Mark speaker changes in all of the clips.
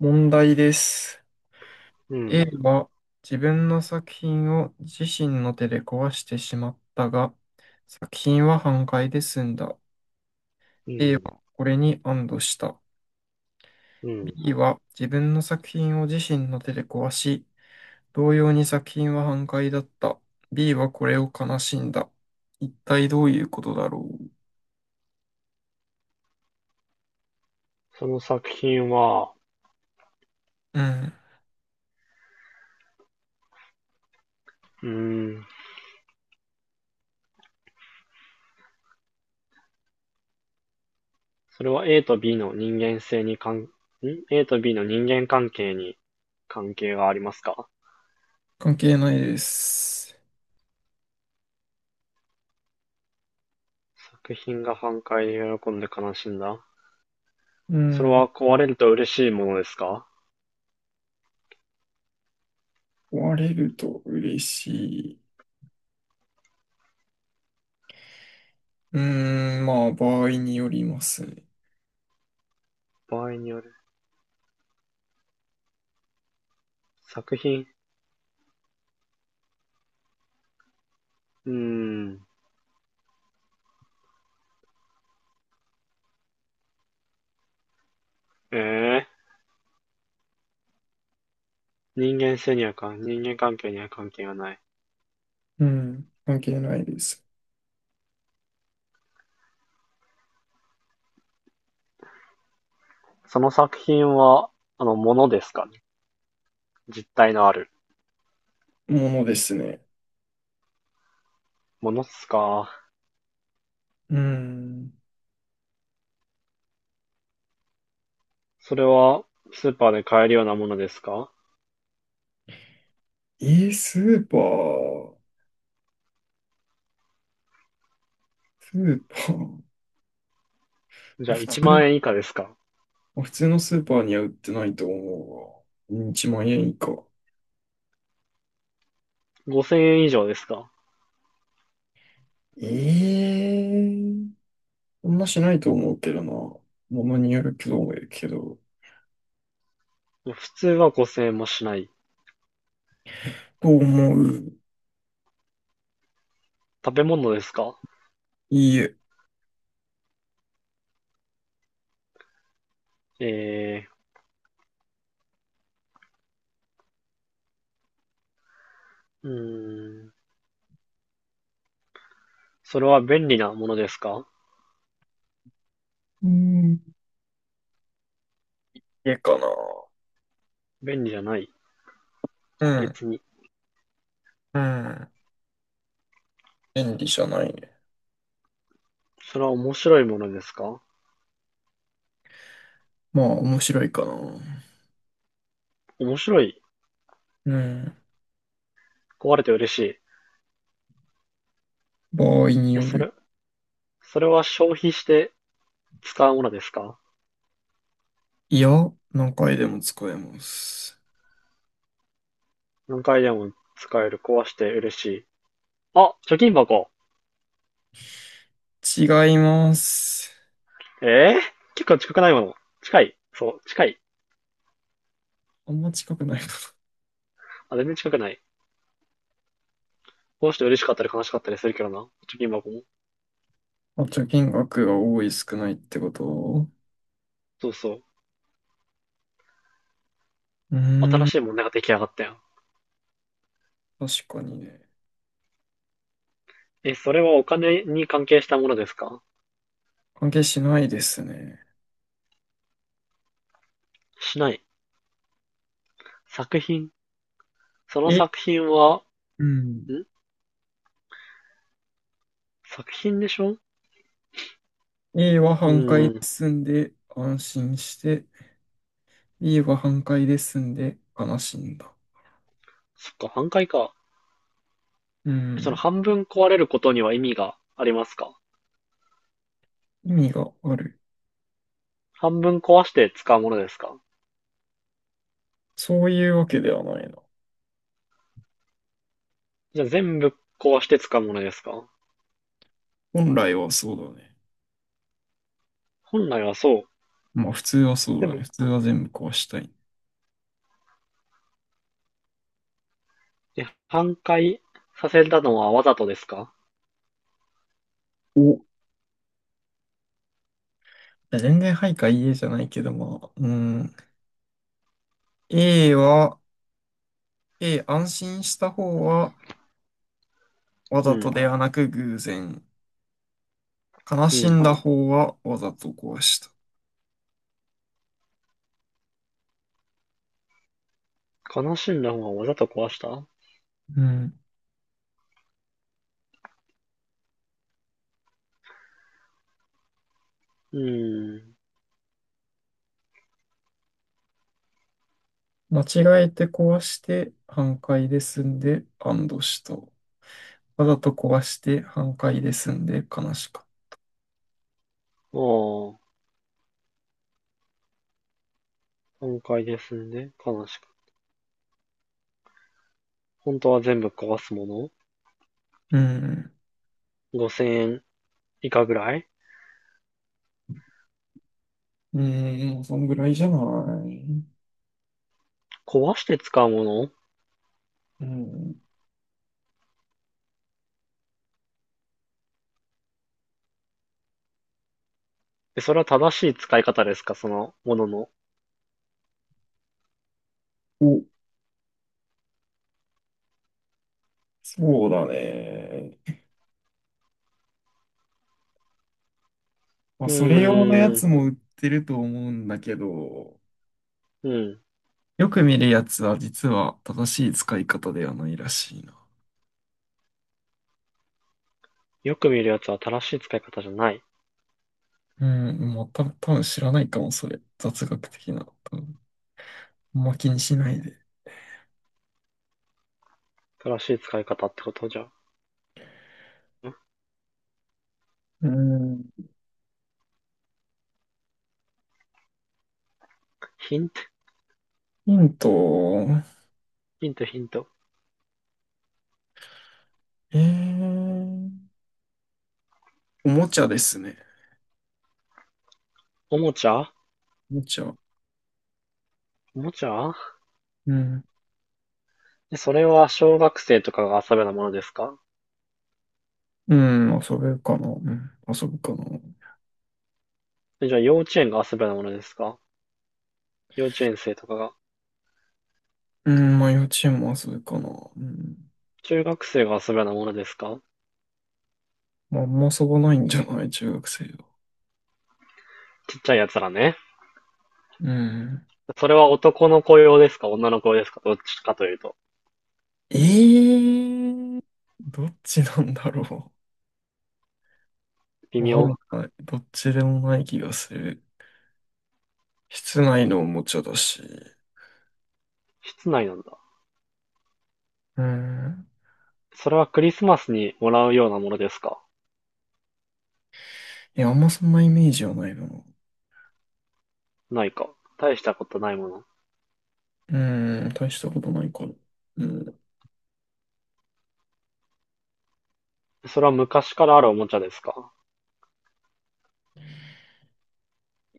Speaker 1: 問題です。
Speaker 2: う
Speaker 1: A
Speaker 2: ん、
Speaker 1: は自分の作品を自身の手で壊してしまったが、作品は半壊で済んだ。
Speaker 2: う
Speaker 1: A
Speaker 2: ん、
Speaker 1: はこれに安堵した。
Speaker 2: うん。
Speaker 1: B は自分の作品を自身の手で壊し、同様に作品は半壊だった。B はこれを悲しんだ。一体どういうことだろ
Speaker 2: その作品は、
Speaker 1: う。うん。
Speaker 2: うーん、それは A と B の人間性に関、ん ?A と B の人間関係に関係がありますか？
Speaker 1: 関係ないです。
Speaker 2: 作品が反対で喜んで悲しんだ。
Speaker 1: う
Speaker 2: それ
Speaker 1: ん。
Speaker 2: は壊れると嬉しいものですか？
Speaker 1: 壊れると嬉しい。うーん、まあ、場合によりますね。
Speaker 2: 場合による。作品、うーん、ええ人間関係には関係がない。
Speaker 1: うん、関係ないです。
Speaker 2: その作品は、ものですかね、実体のある
Speaker 1: ものですね。
Speaker 2: ものっすか？
Speaker 1: うん。
Speaker 2: それはスーパーで買えるようなものですか？
Speaker 1: スーパー、スーパー、
Speaker 2: じゃ
Speaker 1: 普
Speaker 2: あ1
Speaker 1: 通、
Speaker 2: 万円以下ですか？
Speaker 1: 普通のスーパーには売ってないと思うわ。1万円以下。
Speaker 2: 5000 円以上ですか？
Speaker 1: ええそんなしないと思うけどな。ものによるけど、思うけど。
Speaker 2: 普通は5000円もしない。
Speaker 1: と思う。
Speaker 2: 食べ物ですか？
Speaker 1: いいえ。
Speaker 2: えー、うーん。それは便利なものですか？
Speaker 1: うん。家かな。
Speaker 2: 便利じゃない。
Speaker 1: うん。
Speaker 2: 別に。
Speaker 1: うん。便利じゃないね。
Speaker 2: それは面白いものですか？
Speaker 1: まあ、面白いかな。
Speaker 2: 面白い。
Speaker 1: うん。
Speaker 2: 壊れて嬉しい。
Speaker 1: 場合に
Speaker 2: え、
Speaker 1: よ
Speaker 2: そ
Speaker 1: る。
Speaker 2: れ、それは消費して使うものですか？
Speaker 1: いや、何回でも使えます。
Speaker 2: 何回でも使える。壊して嬉しい。あ、貯金箱。
Speaker 1: 違います。
Speaker 2: えー、結構近くないもの。近い。そう、近い。
Speaker 1: あんま近くないか
Speaker 2: あ、全然近くない。この人嬉しかったり悲しかったりするけどな。貯金箱も。
Speaker 1: な。あ、貯金額が多い少ないってこと。
Speaker 2: そうそう。
Speaker 1: うー
Speaker 2: 新
Speaker 1: ん、
Speaker 2: しい問題が出来上がったよ。
Speaker 1: 確かにね。
Speaker 2: え、それはお金に関係したものですか？
Speaker 1: 関係しないですね。
Speaker 2: しない。作品。その
Speaker 1: え、
Speaker 2: 作品は、
Speaker 1: うん。
Speaker 2: ん作品でしょう。
Speaker 1: A は半壊
Speaker 2: ー
Speaker 1: で
Speaker 2: ん。
Speaker 1: 済んで安心して、B は半壊で済んで悲しんだ。
Speaker 2: そっか、半壊か。
Speaker 1: う
Speaker 2: えその
Speaker 1: ん。
Speaker 2: 半分壊れることには意味がありますか？
Speaker 1: 意味がある。
Speaker 2: 半分壊して使うものですか？
Speaker 1: そういうわけではないな。
Speaker 2: じゃあ全部壊して使うものですか？
Speaker 1: 本来はそうだね。
Speaker 2: 本来はそう。
Speaker 1: まあ普通はそう
Speaker 2: で
Speaker 1: だね。
Speaker 2: も、
Speaker 1: 普通は全部壊したい。
Speaker 2: 半壊させたのはわざとですか？
Speaker 1: お恋愛配下 EA じゃないけども、うん。A は、A、安心した方は、わ
Speaker 2: う
Speaker 1: ざと
Speaker 2: ん。
Speaker 1: ではなく偶然。悲
Speaker 2: う
Speaker 1: しん
Speaker 2: ん。
Speaker 1: だ方は、わざと壊した。
Speaker 2: 悲しんだ方はわざと壊した。
Speaker 1: うん。
Speaker 2: うーん。
Speaker 1: 間違えて壊して、反対で済んで、安堵した。わざと壊して、反対で済んで、悲しかっ
Speaker 2: ああ、半壊ですんで、悲しく。本当は全部壊すも
Speaker 1: た。うん。
Speaker 2: の、 5000 円以下ぐらい、
Speaker 1: うん、そんぐらいじゃない。
Speaker 2: 壊して使うもの。
Speaker 1: うん。
Speaker 2: え、それは正しい使い方ですか、そのものの。
Speaker 1: お、そうだね。まあ、
Speaker 2: う
Speaker 1: それ用のや
Speaker 2: ーん、
Speaker 1: つも売ってると思うんだけど、
Speaker 2: うん。
Speaker 1: よく見るやつは実は正しい使い方ではないらしいな。
Speaker 2: よく見るやつは正しい使い方じゃない。
Speaker 1: うん、もうた、多分知らないかも、それ。雑学的な。多分あんま気にしないで。
Speaker 2: 正しい使い方ってことじゃ。
Speaker 1: うん。
Speaker 2: ヒント、
Speaker 1: ヒント、
Speaker 2: ヒント、ヒント。
Speaker 1: えー、おもちゃですね。
Speaker 2: おもちゃ。
Speaker 1: おもちゃ。
Speaker 2: おもちゃ。
Speaker 1: うん。
Speaker 2: え、それは小学生とかが遊べなものですか？
Speaker 1: うん、遊べるかな。うん、遊ぶかな。
Speaker 2: えじゃあ幼稚園が遊べなものですか？幼稚園生とかが。
Speaker 1: うん、まあ幼稚園も遊ぶかな。うん。
Speaker 2: 中学生が遊べなものですか？
Speaker 1: まあ、あんま遊ばないんじゃない中学生は。
Speaker 2: ちっちゃいやつらね。
Speaker 1: うん。
Speaker 2: それは男の子用ですか女の子用ですか、どっちかというと。
Speaker 1: えー、どっちなんだろう。
Speaker 2: 微
Speaker 1: わか
Speaker 2: 妙。
Speaker 1: らない。どっちでもない気がする。室内のおもちゃだし。
Speaker 2: 室内なんだ。
Speaker 1: うん。
Speaker 2: それはクリスマスにもらうようなものですか？
Speaker 1: いや、あんまそんなイメージはないな。
Speaker 2: ないか。大したことないもの。
Speaker 1: うん、大したことないから。うん。
Speaker 2: それは昔からあるおもちゃですか？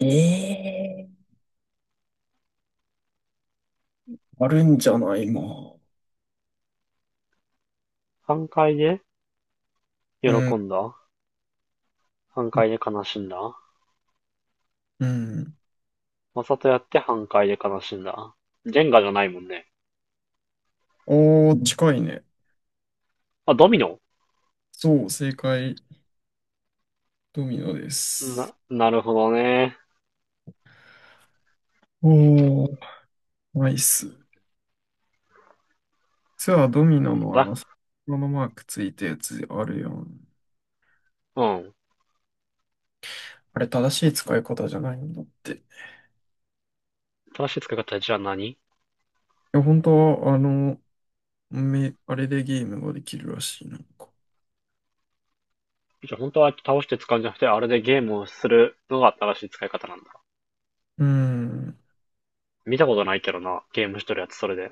Speaker 1: ええーあるんじゃないまあ。
Speaker 2: 半壊で
Speaker 1: うん。
Speaker 2: 喜んだ。半壊で悲しんだ。わ
Speaker 1: うん。
Speaker 2: ざとやって半壊で悲しんだ。ジェンガじゃないもんね。
Speaker 1: おー、近いね。
Speaker 2: あ、ドミノ。
Speaker 1: そう、正解。ドミノです。
Speaker 2: な、なるほどね。
Speaker 1: おー、ナイス。実はドミノのあ
Speaker 2: だ、
Speaker 1: の、このマークついたやつあるやん。
Speaker 2: うん。
Speaker 1: あれ、正しい使い方じゃないんだって。い
Speaker 2: 正しい使い方じゃあ何？
Speaker 1: や、本当は、あの、あれでゲームができるらしいな、んか。
Speaker 2: じゃあ本当は倒して使うんじゃなくて、あれでゲームをするのが正しい使い方なんだ。
Speaker 1: うーん。
Speaker 2: 見たことないけどな、ゲーム一人やってそれで。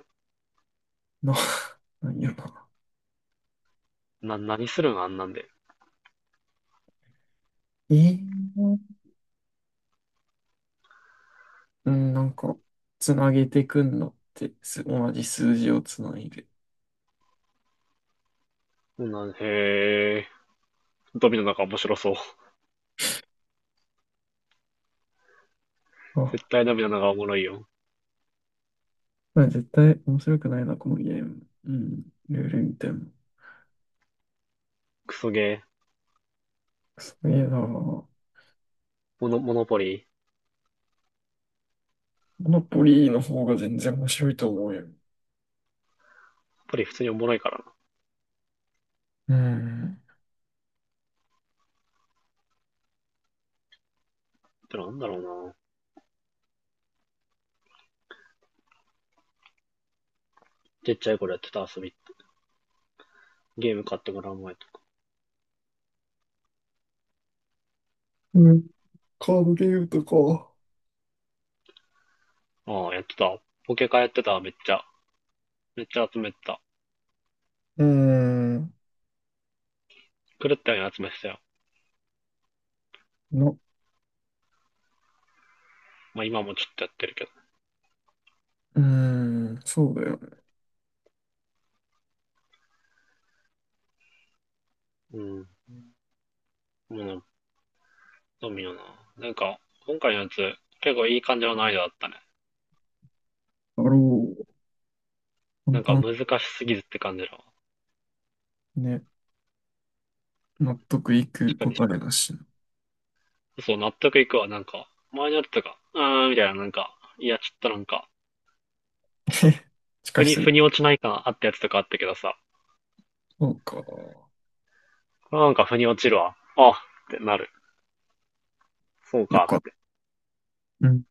Speaker 1: まあ、なんやな。
Speaker 2: 何するんあんなんで。
Speaker 1: ええうん、なんか、つなげてくんのって、同じ数字をつないで。
Speaker 2: な、へえ。ドミノなんか面白そう。
Speaker 1: あ、
Speaker 2: 絶対ドミノなんかおもろいよ。
Speaker 1: まあ、絶対面白くないな、このゲーム。うん、ルール見ても。
Speaker 2: クソゲー。
Speaker 1: すげえな。モ
Speaker 2: モノポリー。
Speaker 1: ノポリーの方が全然面白いと思うよ。
Speaker 2: ポリー普通におもろいからな。
Speaker 1: うん。
Speaker 2: ってなんだろうな。ちっちゃい頃やってた遊び。ゲーム買ってもらう前とか。
Speaker 1: うん、カードゲームとか。
Speaker 2: ああ、やってた。ポケカやってた、めっちゃ。めっちゃ集めてた。
Speaker 1: うーん。
Speaker 2: 狂ったように集めてたよ。
Speaker 1: の
Speaker 2: まあ今もちょっとやってるけど。
Speaker 1: うーん、そうだよね。
Speaker 2: うん。もうドミノな。なんか、今回のやつ、結構いい感じの難易度だったね。
Speaker 1: だろう。簡
Speaker 2: なんか
Speaker 1: 単
Speaker 2: 難しすぎずって感じだわ。
Speaker 1: ね。納得いく
Speaker 2: 確かに、
Speaker 1: 答えだしな。
Speaker 2: そう、納得いくわ。なんか、前のやつとか、あーみたいな、なんか、いや、ちょっとなんか、
Speaker 1: しかし
Speaker 2: 腑に落ちない感あったやつとかあったけどさ、
Speaker 1: そうか。
Speaker 2: これはなんか腑に落ちるわ。あってなる。そう
Speaker 1: よ
Speaker 2: か。
Speaker 1: かった。うん